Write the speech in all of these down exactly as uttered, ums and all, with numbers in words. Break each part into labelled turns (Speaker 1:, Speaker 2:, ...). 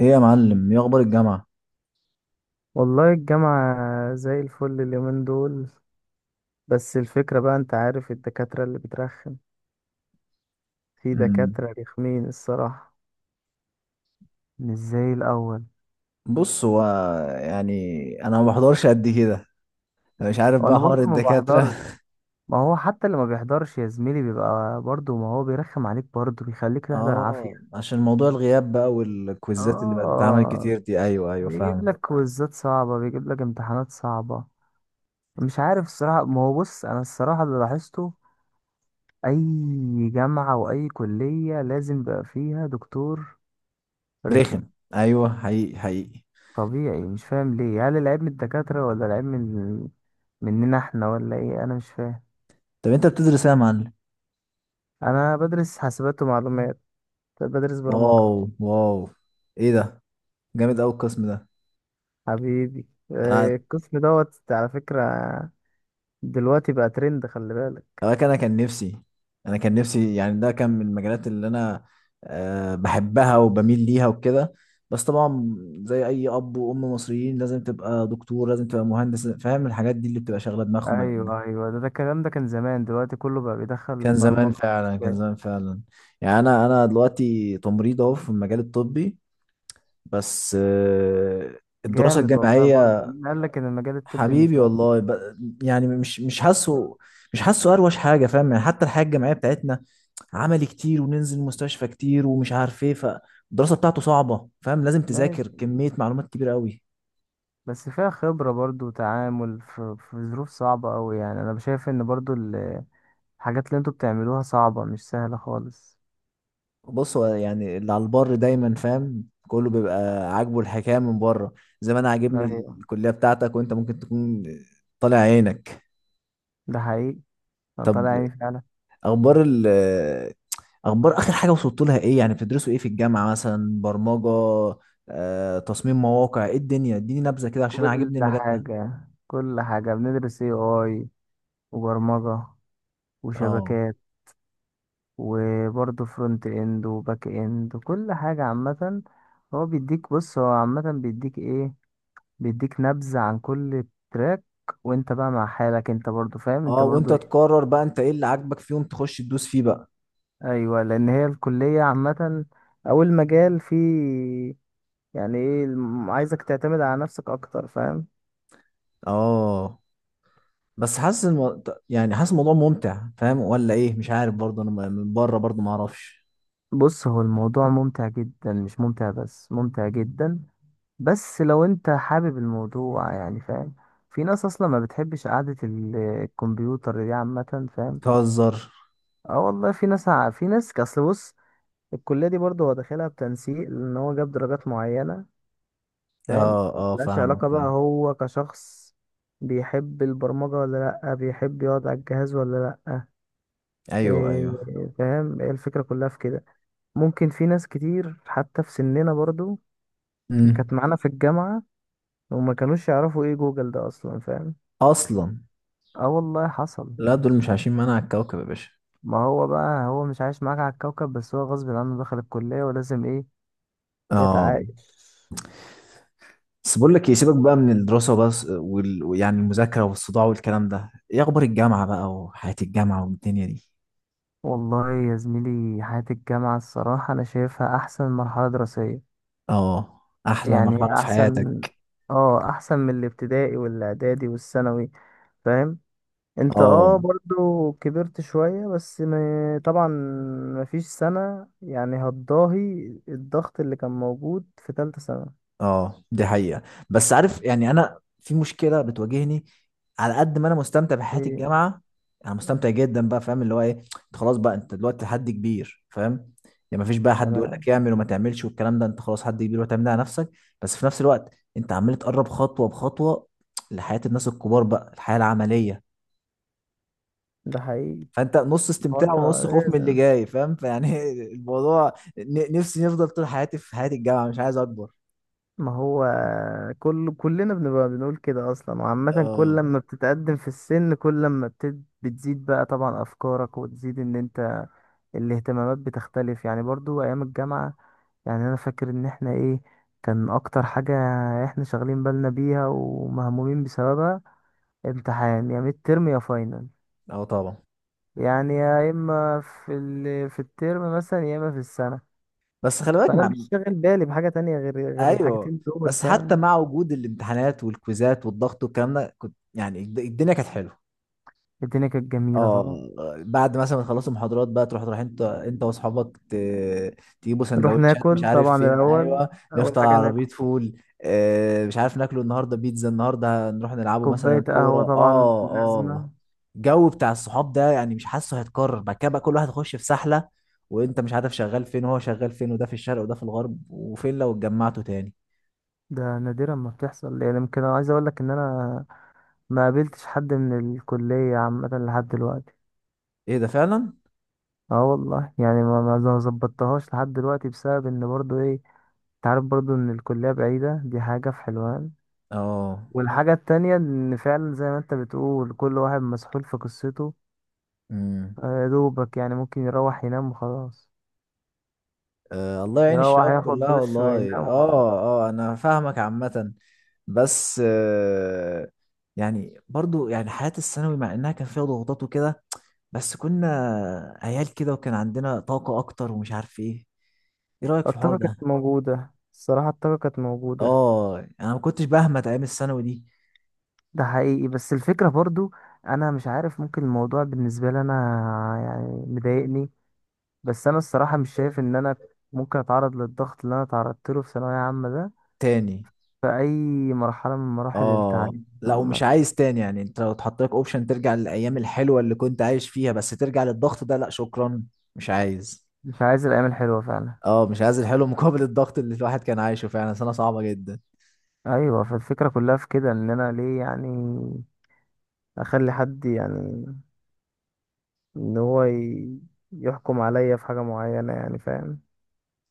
Speaker 1: ايه يا معلم، ايه اخبار الجامعه؟
Speaker 2: والله الجامعة زي الفل اليومين دول. بس الفكرة بقى، انت عارف الدكاترة اللي بترخم، في
Speaker 1: مم.
Speaker 2: دكاترة رخمين الصراحة. مش زي الأول.
Speaker 1: بص، هو يعني انا ما بحضرش قد كده. مش عارف بقى
Speaker 2: وأنا
Speaker 1: حوار
Speaker 2: برضو ما
Speaker 1: الدكاتره
Speaker 2: بحضرش. ما هو حتى اللي ما بيحضرش يا زميلي بيبقى برضو، ما هو بيرخم عليك برضو، بيخليك تحضر
Speaker 1: اه،
Speaker 2: عافية.
Speaker 1: عشان موضوع الغياب بقى والكويزات اللي بقت بتتعمل
Speaker 2: اه،
Speaker 1: كتير دي. ايوه ايوه،
Speaker 2: بيجيب
Speaker 1: فاهم.
Speaker 2: لك كويزات صعبة، بيجيب لك امتحانات صعبة. مش عارف الصراحة، ما هو بص، أنا الصراحة اللي لاحظته، أي جامعة وأي كلية لازم بقى فيها دكتور
Speaker 1: رخم.
Speaker 2: رخم.
Speaker 1: ايوه، حقيقي حقيقي.
Speaker 2: طبيعي، مش فاهم ليه، هل العيب من الدكاترة ولا العيب من مننا احنا ولا ايه؟ انا مش فاهم.
Speaker 1: طب انت بتدرس ايه يا معلم؟
Speaker 2: انا بدرس حاسبات ومعلومات، بدرس برمجة.
Speaker 1: واو واو، ايه ده! جامد قوي القسم ده.
Speaker 2: حبيبي،
Speaker 1: آه،
Speaker 2: آه، القسم دوت على فكرة. دلوقتي بقى ترند، خلي بالك.
Speaker 1: هو انا كان كان نفسي. انا كان نفسي يعني، ده كان من المجالات اللي انا آه، بحبها وبميل ليها وكده. بس طبعا زي اي اب وام مصريين، لازم تبقى دكتور، لازم تبقى مهندس، فاهم؟ الحاجات دي اللي بتبقى شاغله دماغهم. قد-
Speaker 2: ايوه ايوه، ده, ده الكلام ده كان زمان، دلوقتي كله بقى بيدخل
Speaker 1: كان زمان
Speaker 2: برمجة
Speaker 1: فعلا كان
Speaker 2: حاسبات.
Speaker 1: زمان فعلا يعني انا انا دلوقتي تمريض، اهو في المجال الطبي. بس آه، الدراسه
Speaker 2: جامد والله، برضه
Speaker 1: الجامعيه،
Speaker 2: مين قال لك ان المجال الطبي مش
Speaker 1: حبيبي
Speaker 2: وحش؟
Speaker 1: والله، ب- يعني مش مش حاسه. مش حاسه اروش حاجه، فاهم؟ يعني حتى الحياه الجامعيه بتاعتنا عملي كتير، وننزل مستشفى كتير، ومش عارف ايه. فالدراسه بتاعته صعبه، فاهم، لازم تذاكر
Speaker 2: ماشي،
Speaker 1: كميه معلومات كبيره قوي.
Speaker 2: بس فيها خبرة برضه وتعامل في, في ظروف صعبة أوي، يعني أنا شايف إن برضه الحاجات اللي انتوا بتعملوها صعبة، مش سهلة خالص.
Speaker 1: بص، هو يعني اللي على البر دايما، فاهم، كله بيبقى عاجبه الحكايه من بره. زي ما انا عاجبني
Speaker 2: ايوه،
Speaker 1: الكليه بتاعتك، وانت ممكن تكون طالع عينك.
Speaker 2: ده حقيقي، أنا طالع
Speaker 1: طب،
Speaker 2: عيني فعلا.
Speaker 1: اخبار ال، اخبار اخر حاجه وصلت لها ايه؟ يعني بتدرسوا ايه في الجامعه؟ مثلا برمجه، آه، تصميم مواقع، ايه الدنيا؟ اديني نبذه كده، عشان أنا
Speaker 2: كل
Speaker 1: عاجبني المجال ده.
Speaker 2: حاجة، كل حاجة بندرس، اي اي، وبرمجة،
Speaker 1: اه
Speaker 2: وشبكات، وبرضه فرونت اند وباك اند، كل حاجة عامة. هو بيديك، بص هو عامة بيديك ايه، بيديك نبذة عن كل تراك، وانت بقى مع حالك، انت برضه فاهم، انت
Speaker 1: اه،
Speaker 2: برضه
Speaker 1: وانت
Speaker 2: ايه.
Speaker 1: تقرر بقى انت ايه اللي عاجبك فيهم، تخش تدوس فيه بقى.
Speaker 2: ايوه، لان هي الكلية عامة، او المجال فيه يعني ايه، الم- عايزك تعتمد على نفسك اكتر، فاهم.
Speaker 1: اه، بس حاسس الم... يعني حاسس الموضوع ممتع، فاهم، ولا ايه؟ مش عارف برضه، انا م- من بره برضه ما اعرفش.
Speaker 2: بص، هو الموضوع ممتع جدا، مش ممتع بس، ممتع جدا. بس لو انت حابب الموضوع، يعني فاهم، في ناس اصلا ما بتحبش قعدة ال- الكمبيوتر دي عامة، فاهم.
Speaker 1: بتهزر.
Speaker 2: اه والله، في ناس ع- في ناس اصل، بص، الكلية دي برضه هو داخلها بتنسيق، لان هو جاب درجات معينة، فاهم.
Speaker 1: اه اه،
Speaker 2: ملهاش
Speaker 1: فاهمك،
Speaker 2: علاقة بقى،
Speaker 1: فاهم.
Speaker 2: هو كشخص بيحب البرمجة ولا لأ، بيحب يقعد على الجهاز ولا لأ.
Speaker 1: ايوه ايوه.
Speaker 2: إيه، فاهم، هي الفكرة كلها في كده. ممكن في ناس كتير حتى في سننا برضو
Speaker 1: امم.
Speaker 2: كانت معانا في الجامعة، وما كانوش يعرفوا ايه جوجل ده اصلا، فاهم.
Speaker 1: اصلا،
Speaker 2: اه والله، حصل.
Speaker 1: لا، دول مش عايشين معانا على الكوكب يا باشا.
Speaker 2: ما هو بقى، هو مش عايش معاك على الكوكب، بس هو غصب عنه دخل الكلية ولازم ايه
Speaker 1: اه،
Speaker 2: يتعايش.
Speaker 1: بس بقول لك، يسيبك بقى من الدراسة بس وال... يعني المذاكرة والصداع والكلام ده، ايه اخبار الجامعة بقى وحياة الجامعة والدنيا دي؟
Speaker 2: والله يا زميلي، حياة الجامعة الصراحة أنا شايفها أحسن مرحلة دراسية.
Speaker 1: اه، احلى مرحلة
Speaker 2: يعني
Speaker 1: في
Speaker 2: أحسن،
Speaker 1: حياتك.
Speaker 2: اه، أحسن من الابتدائي والإعدادي والثانوي، فاهم. انت اه
Speaker 1: اه
Speaker 2: برضو كبرت شوية، بس ما طبعا مفيش سنة يعني هتضاهي الضغط اللي كان موجود في تالتة سنة.
Speaker 1: اه، دي حقيقة. بس عارف يعني، انا في مشكلة بتواجهني. على قد ما انا مستمتع بحياة
Speaker 2: ايه.
Speaker 1: الجامعة، انا مستمتع جدا بقى، فاهم، اللي هو ايه، انت خلاص بقى، انت دلوقتي حد كبير، فاهم. يعني مفيش بقى حد يقول لك
Speaker 2: تمام.
Speaker 1: اعمل وما تعملش والكلام ده، انت خلاص حد كبير وتعمل ده على نفسك. بس في نفس الوقت، انت عمال تقرب خطوة بخطوة لحياة الناس الكبار بقى، الحياة العملية.
Speaker 2: ده حقيقي.
Speaker 1: فانت نص
Speaker 2: هو
Speaker 1: استمتاع
Speaker 2: انت
Speaker 1: ونص خوف من اللي
Speaker 2: لازم،
Speaker 1: جاي، فاهم، فيعني الموضوع، ن- نفسي نفضل طول حياتي في حياة الجامعة، مش عايز اكبر.
Speaker 2: ما هو كل كلنا بنبقى بنقول كده اصلا، وعامة كل
Speaker 1: اه
Speaker 2: لما بتتقدم في السن، كل لما بتد... بتزيد بقى طبعا افكارك، وتزيد ان انت الاهتمامات بتختلف. يعني برضو ايام الجامعة، يعني انا فاكر ان احنا ايه، كان اكتر حاجة احنا شغالين بالنا بيها ومهمومين بسببها، امتحان يا ميد ترم يا فاينل.
Speaker 1: اه طبعا.
Speaker 2: يعني يا اما في ال... في الترم مثلا، يا اما في السنة.
Speaker 1: بس خلي بالك
Speaker 2: فانا
Speaker 1: مع،
Speaker 2: مش شاغل بالي بحاجة تانية غير غير
Speaker 1: ايوه.
Speaker 2: الحاجتين دول،
Speaker 1: بس حتى
Speaker 2: فاهم.
Speaker 1: مع وجود الامتحانات والكويزات والضغط والكلام ده، كنت يعني الد- الدنيا كانت حلوه.
Speaker 2: الدنيا كانت جميلة طبعا.
Speaker 1: اه، بعد مثلا ما تخلصوا محاضرات بقى، تروح تروح انت انت واصحابك، ت- تجيبوا
Speaker 2: نروح
Speaker 1: سندوتشات مش
Speaker 2: ناكل
Speaker 1: عارف
Speaker 2: طبعا
Speaker 1: فين.
Speaker 2: الاول،
Speaker 1: ايوه،
Speaker 2: اول
Speaker 1: نفطر
Speaker 2: حاجة
Speaker 1: على عربيه
Speaker 2: ناكل،
Speaker 1: فول، آه، مش عارف ناكله النهارده بيتزا، النهارده نروح نلعبوا
Speaker 2: كوباية
Speaker 1: مثلا كوره.
Speaker 2: قهوة طبعا
Speaker 1: اه اه،
Speaker 2: لازمة.
Speaker 1: الجو بتاع الصحاب ده يعني مش حاسه هيتكرر بعد كده بقى، كل واحد يخش في سحله، وانت مش عارف شغال فين وهو شغال فين، وده في الشرق وده في الغرب، وفين لو اتجمعتوا تاني؟
Speaker 2: ده نادرا ما بتحصل، يعني يمكن انا عايز اقول لك ان انا ما قابلتش حد من الكلية عامة لحد دلوقتي.
Speaker 1: ايه ده، فعلا!
Speaker 2: اه والله، يعني ما ما ما ظبطتهاش لحد دلوقتي بسبب ان برضو ايه، انت عارف برضو ان الكلية بعيدة، دي حاجة في حلوان.
Speaker 1: اه.
Speaker 2: والحاجة التانية ان فعلا زي ما انت بتقول، كل واحد مسحول في قصته.
Speaker 1: امم.
Speaker 2: آه، يا دوبك يعني ممكن يروح ينام وخلاص.
Speaker 1: آه، الله يعين
Speaker 2: يروح اه
Speaker 1: الشباب
Speaker 2: ياخد
Speaker 1: كلها،
Speaker 2: دش
Speaker 1: والله.
Speaker 2: وينام وخلاص.
Speaker 1: اه اه، انا فاهمك عامة. بس آه، يعني برضو يعني حياة الثانوي، مع انها كان فيها ضغوطات وكده، بس كنا عيال كده وكان عندنا طاقة اكتر ومش عارف ايه. ايه رأيك في الحوار
Speaker 2: الطاقة كانت
Speaker 1: ده؟
Speaker 2: موجودة الصراحة، الطاقة كانت موجودة.
Speaker 1: اه، انا ما كنتش بهمت ايام الثانوي دي
Speaker 2: ده حقيقي، بس الفكرة برضو انا مش عارف، ممكن الموضوع بالنسبة لي انا يعني مضايقني. بس انا الصراحه مش شايف ان انا ممكن اتعرض للضغط اللي انا تعرضت له في ثانويه عامه ده
Speaker 1: تاني.
Speaker 2: في اي مرحله من مراحل
Speaker 1: اه،
Speaker 2: التعليم
Speaker 1: لا، ومش
Speaker 2: عامه.
Speaker 1: عايز تاني يعني. انت لو اتحط لك اوبشن ترجع للايام الحلوة اللي كنت عايش فيها بس ترجع للضغط ده، لا شكرا، مش عايز.
Speaker 2: مش عايز الايام الحلوه فعلا.
Speaker 1: اه، مش عايز الحلو مقابل الضغط اللي الواحد كان عايشه. فعلا سنة صعبة جدا.
Speaker 2: ايوه، فالفكره كلها في كده، ان انا ليه يعني اخلي حد يعني ان هو ي- يحكم عليا في حاجه معينه، يعني فاهم.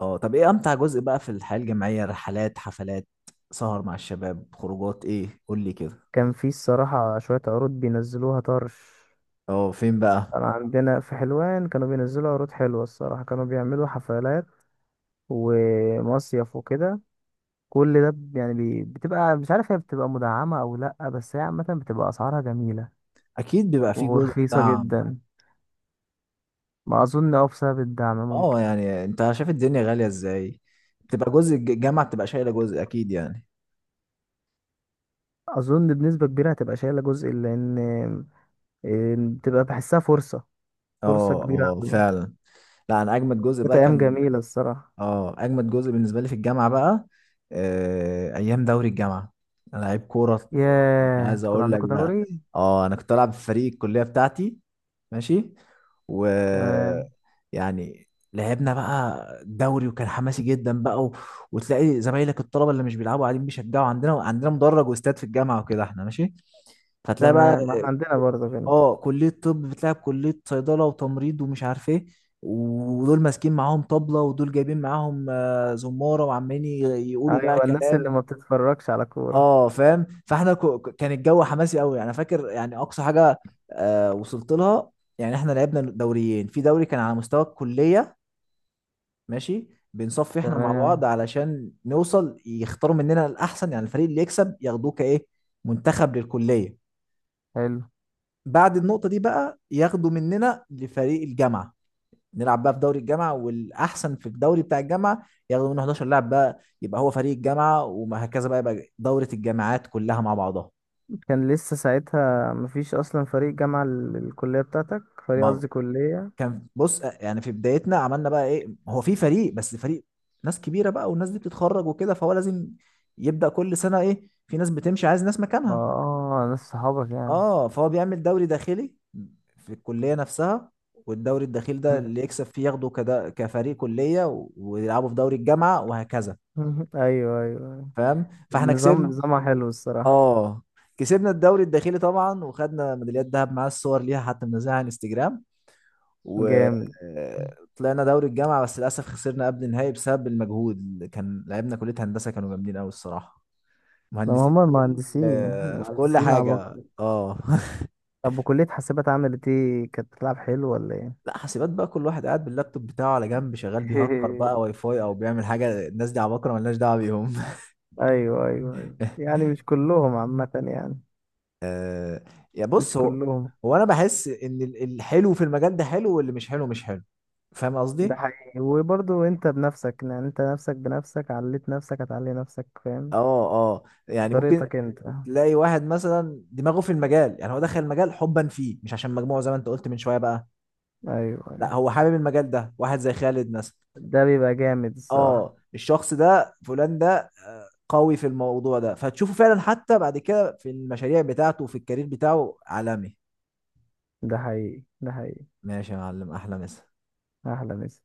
Speaker 1: اه، طب ايه امتع جزء بقى في الحياة الجامعية؟ رحلات، حفلات، سهر مع الشباب، خروجات، ايه؟ قول لي كده.
Speaker 2: كان في الصراحه شويه عروض بينزلوها طرش.
Speaker 1: اه، فين بقى؟
Speaker 2: كان عندنا في حلوان كانوا بينزلوا عروض حلوه الصراحه، كانوا بيعملوا حفلات ومصيف وكده. كل ده ب- يعني بي- بتبقى مش عارف هي بتبقى مدعمة أو لأ، بس هي عامة بتبقى أسعارها جميلة
Speaker 1: اكيد بيبقى في جزء
Speaker 2: ورخيصة
Speaker 1: بتاع،
Speaker 2: جدا. ما أظن أه بسبب الدعم ممكن.
Speaker 1: اه، يعني انت شايف الدنيا غالية ازاي، بتبقى جزء الج- الجامعة بتبقى شايلة جزء اكيد يعني.
Speaker 2: أظن بنسبة كبيرة هتبقى شايلة جزء، لأن إيه، بتبقى بحسها فرصة، فرصة
Speaker 1: اه
Speaker 2: كبيرة
Speaker 1: اه،
Speaker 2: أوي.
Speaker 1: فعلا. لا، انا اجمد جزء
Speaker 2: كانت
Speaker 1: بقى
Speaker 2: أيام
Speaker 1: كان،
Speaker 2: جميلة الصراحة.
Speaker 1: اه، اجمد جزء بالنسبه لي في الجامعه بقى، آه، ايام دوري الجامعه. انا لعيب كوره، مش
Speaker 2: ياه،
Speaker 1: عايز
Speaker 2: انتوا كان
Speaker 1: اقول لك
Speaker 2: عندكم
Speaker 1: بقى.
Speaker 2: دوري؟
Speaker 1: اه، انا كنت العب في فريق الكليه بتاعتي. ماشي. و،
Speaker 2: تمام.
Speaker 1: يعني، لعبنا بقى الدوري وكان حماسي جدا بقى و... وتلاقي زمايلك الطلبه اللي مش بيلعبوا قاعدين بيشجعوا. عندنا عندنا مدرج واستاد في الجامعه وكده، احنا ماشي. فتلاقي بقى،
Speaker 2: تمام، ما احنا عندنا برضه كده.
Speaker 1: اه، كلية طب بتلعب كلية صيدلة وتمريض ومش عارف ايه، ودول ماسكين معاهم طبلة، ودول جايبين معاهم آه، زمارة، وعمالين ي- يقولوا بقى
Speaker 2: أيوة، الناس اللي
Speaker 1: كلام.
Speaker 2: ما بتتفرجش على كورة.
Speaker 1: اه فاهم، فاحنا ك- ك- كان الجو حماسي قوي يعني. انا فاكر يعني اقصى حاجة آه، وصلت لها، يعني احنا لعبنا دوريين، في دوري كان على مستوى الكلية. ماشي. بنصفي احنا مع بعض
Speaker 2: تمام.
Speaker 1: علشان نوصل يختاروا مننا الاحسن، يعني الفريق اللي يكسب ياخدوه كايه منتخب للكلية.
Speaker 2: حلو.
Speaker 1: بعد النقطة دي بقى ياخدوا مننا لفريق الجامعة، نلعب بقى في دوري الجامعة، والأحسن في الدوري بتاع الجامعة ياخدوا منه حداشر لاعب بقى، يبقى هو فريق الجامعة، وهكذا بقى، يبقى دورة الجامعات كلها مع بعضها.
Speaker 2: كان لسه ساعتها مفيش أصلا فريق جامعة، ال- الكلية بتاعتك فريق،
Speaker 1: ما
Speaker 2: قصدي كلية.
Speaker 1: كان، بص يعني في بدايتنا عملنا بقى إيه، هو في فريق، بس فريق ناس كبيرة بقى، والناس دي بتتخرج وكده، فهو لازم يبدأ كل سنة إيه، في ناس بتمشي عايز ناس
Speaker 2: اه،
Speaker 1: مكانها.
Speaker 2: آه، ناس صحابك يعني.
Speaker 1: اه، فهو بيعمل دوري داخلي في الكلية نفسها، والدوري الداخلي ده اللي يكسب فيه ياخده كده كفريق كلية، و- ويلعبوا في دوري الجامعة وهكذا.
Speaker 2: ايوه ايوه أيوة.
Speaker 1: فاهم، فاحنا
Speaker 2: النظام
Speaker 1: كسبنا.
Speaker 2: نظامها حلو الصراحة.
Speaker 1: اه، كسبنا الدوري الداخلي طبعا، وخدنا ميداليات ذهب، معاه الصور ليها حتى، منزلها على انستجرام.
Speaker 2: جامد.
Speaker 1: وطلعنا دوري الجامعة، بس للأسف خسرنا قبل النهائي بسبب المجهود، كان لعبنا كلية هندسة كانوا جامدين قوي الصراحة.
Speaker 2: ما
Speaker 1: مهندسين
Speaker 2: هم
Speaker 1: في كل،
Speaker 2: المهندسين،
Speaker 1: في كل
Speaker 2: المهندسين
Speaker 1: حاجة،
Speaker 2: عباقرة.
Speaker 1: اه
Speaker 2: طب وكلية حاسبات عملت ايه؟ كانت بتلعب حلو ولا ايه؟
Speaker 1: لا، حاسبات بقى كل واحد قاعد باللابتوب بتاعه على جنب، شغال بيهكر بقى واي فاي او بيعمل حاجه، الناس دي عباقره ملناش دعوه بيهم
Speaker 2: ايوه ايوه ايوه، يعني مش كلهم عامة يعني،
Speaker 1: آه، يا
Speaker 2: مش
Speaker 1: بص هو،
Speaker 2: كلهم.
Speaker 1: هو انا بحس ان ال- الحلو في المجال ده حلو، واللي مش حلو مش حلو، فاهم
Speaker 2: ده
Speaker 1: قصدي.
Speaker 2: حقيقي، وبرضو انت بنفسك يعني، انت نفسك بنفسك عليت نفسك هتعلي نفسك، فاهم،
Speaker 1: اه اه، يعني ممكن
Speaker 2: بطريقتك انت.
Speaker 1: تلاقي واحد مثلا دماغه في المجال، يعني هو دخل المجال حبا فيه، مش عشان مجموعه زي ما انت قلت من شويه بقى.
Speaker 2: ايوه
Speaker 1: لا،
Speaker 2: ايوه،
Speaker 1: هو حابب المجال ده، واحد زي خالد مثلا.
Speaker 2: ده بيبقى جامد الصراحة.
Speaker 1: اه، الشخص ده فلان ده آه، قوي في الموضوع ده، فتشوفه فعلا حتى بعد كده في المشاريع بتاعته وفي الكارير بتاعه عالمي.
Speaker 2: ده حقيقي، ده حقيقي.
Speaker 1: ماشي يا معلم، احلى مسا.
Speaker 2: احلى مسا.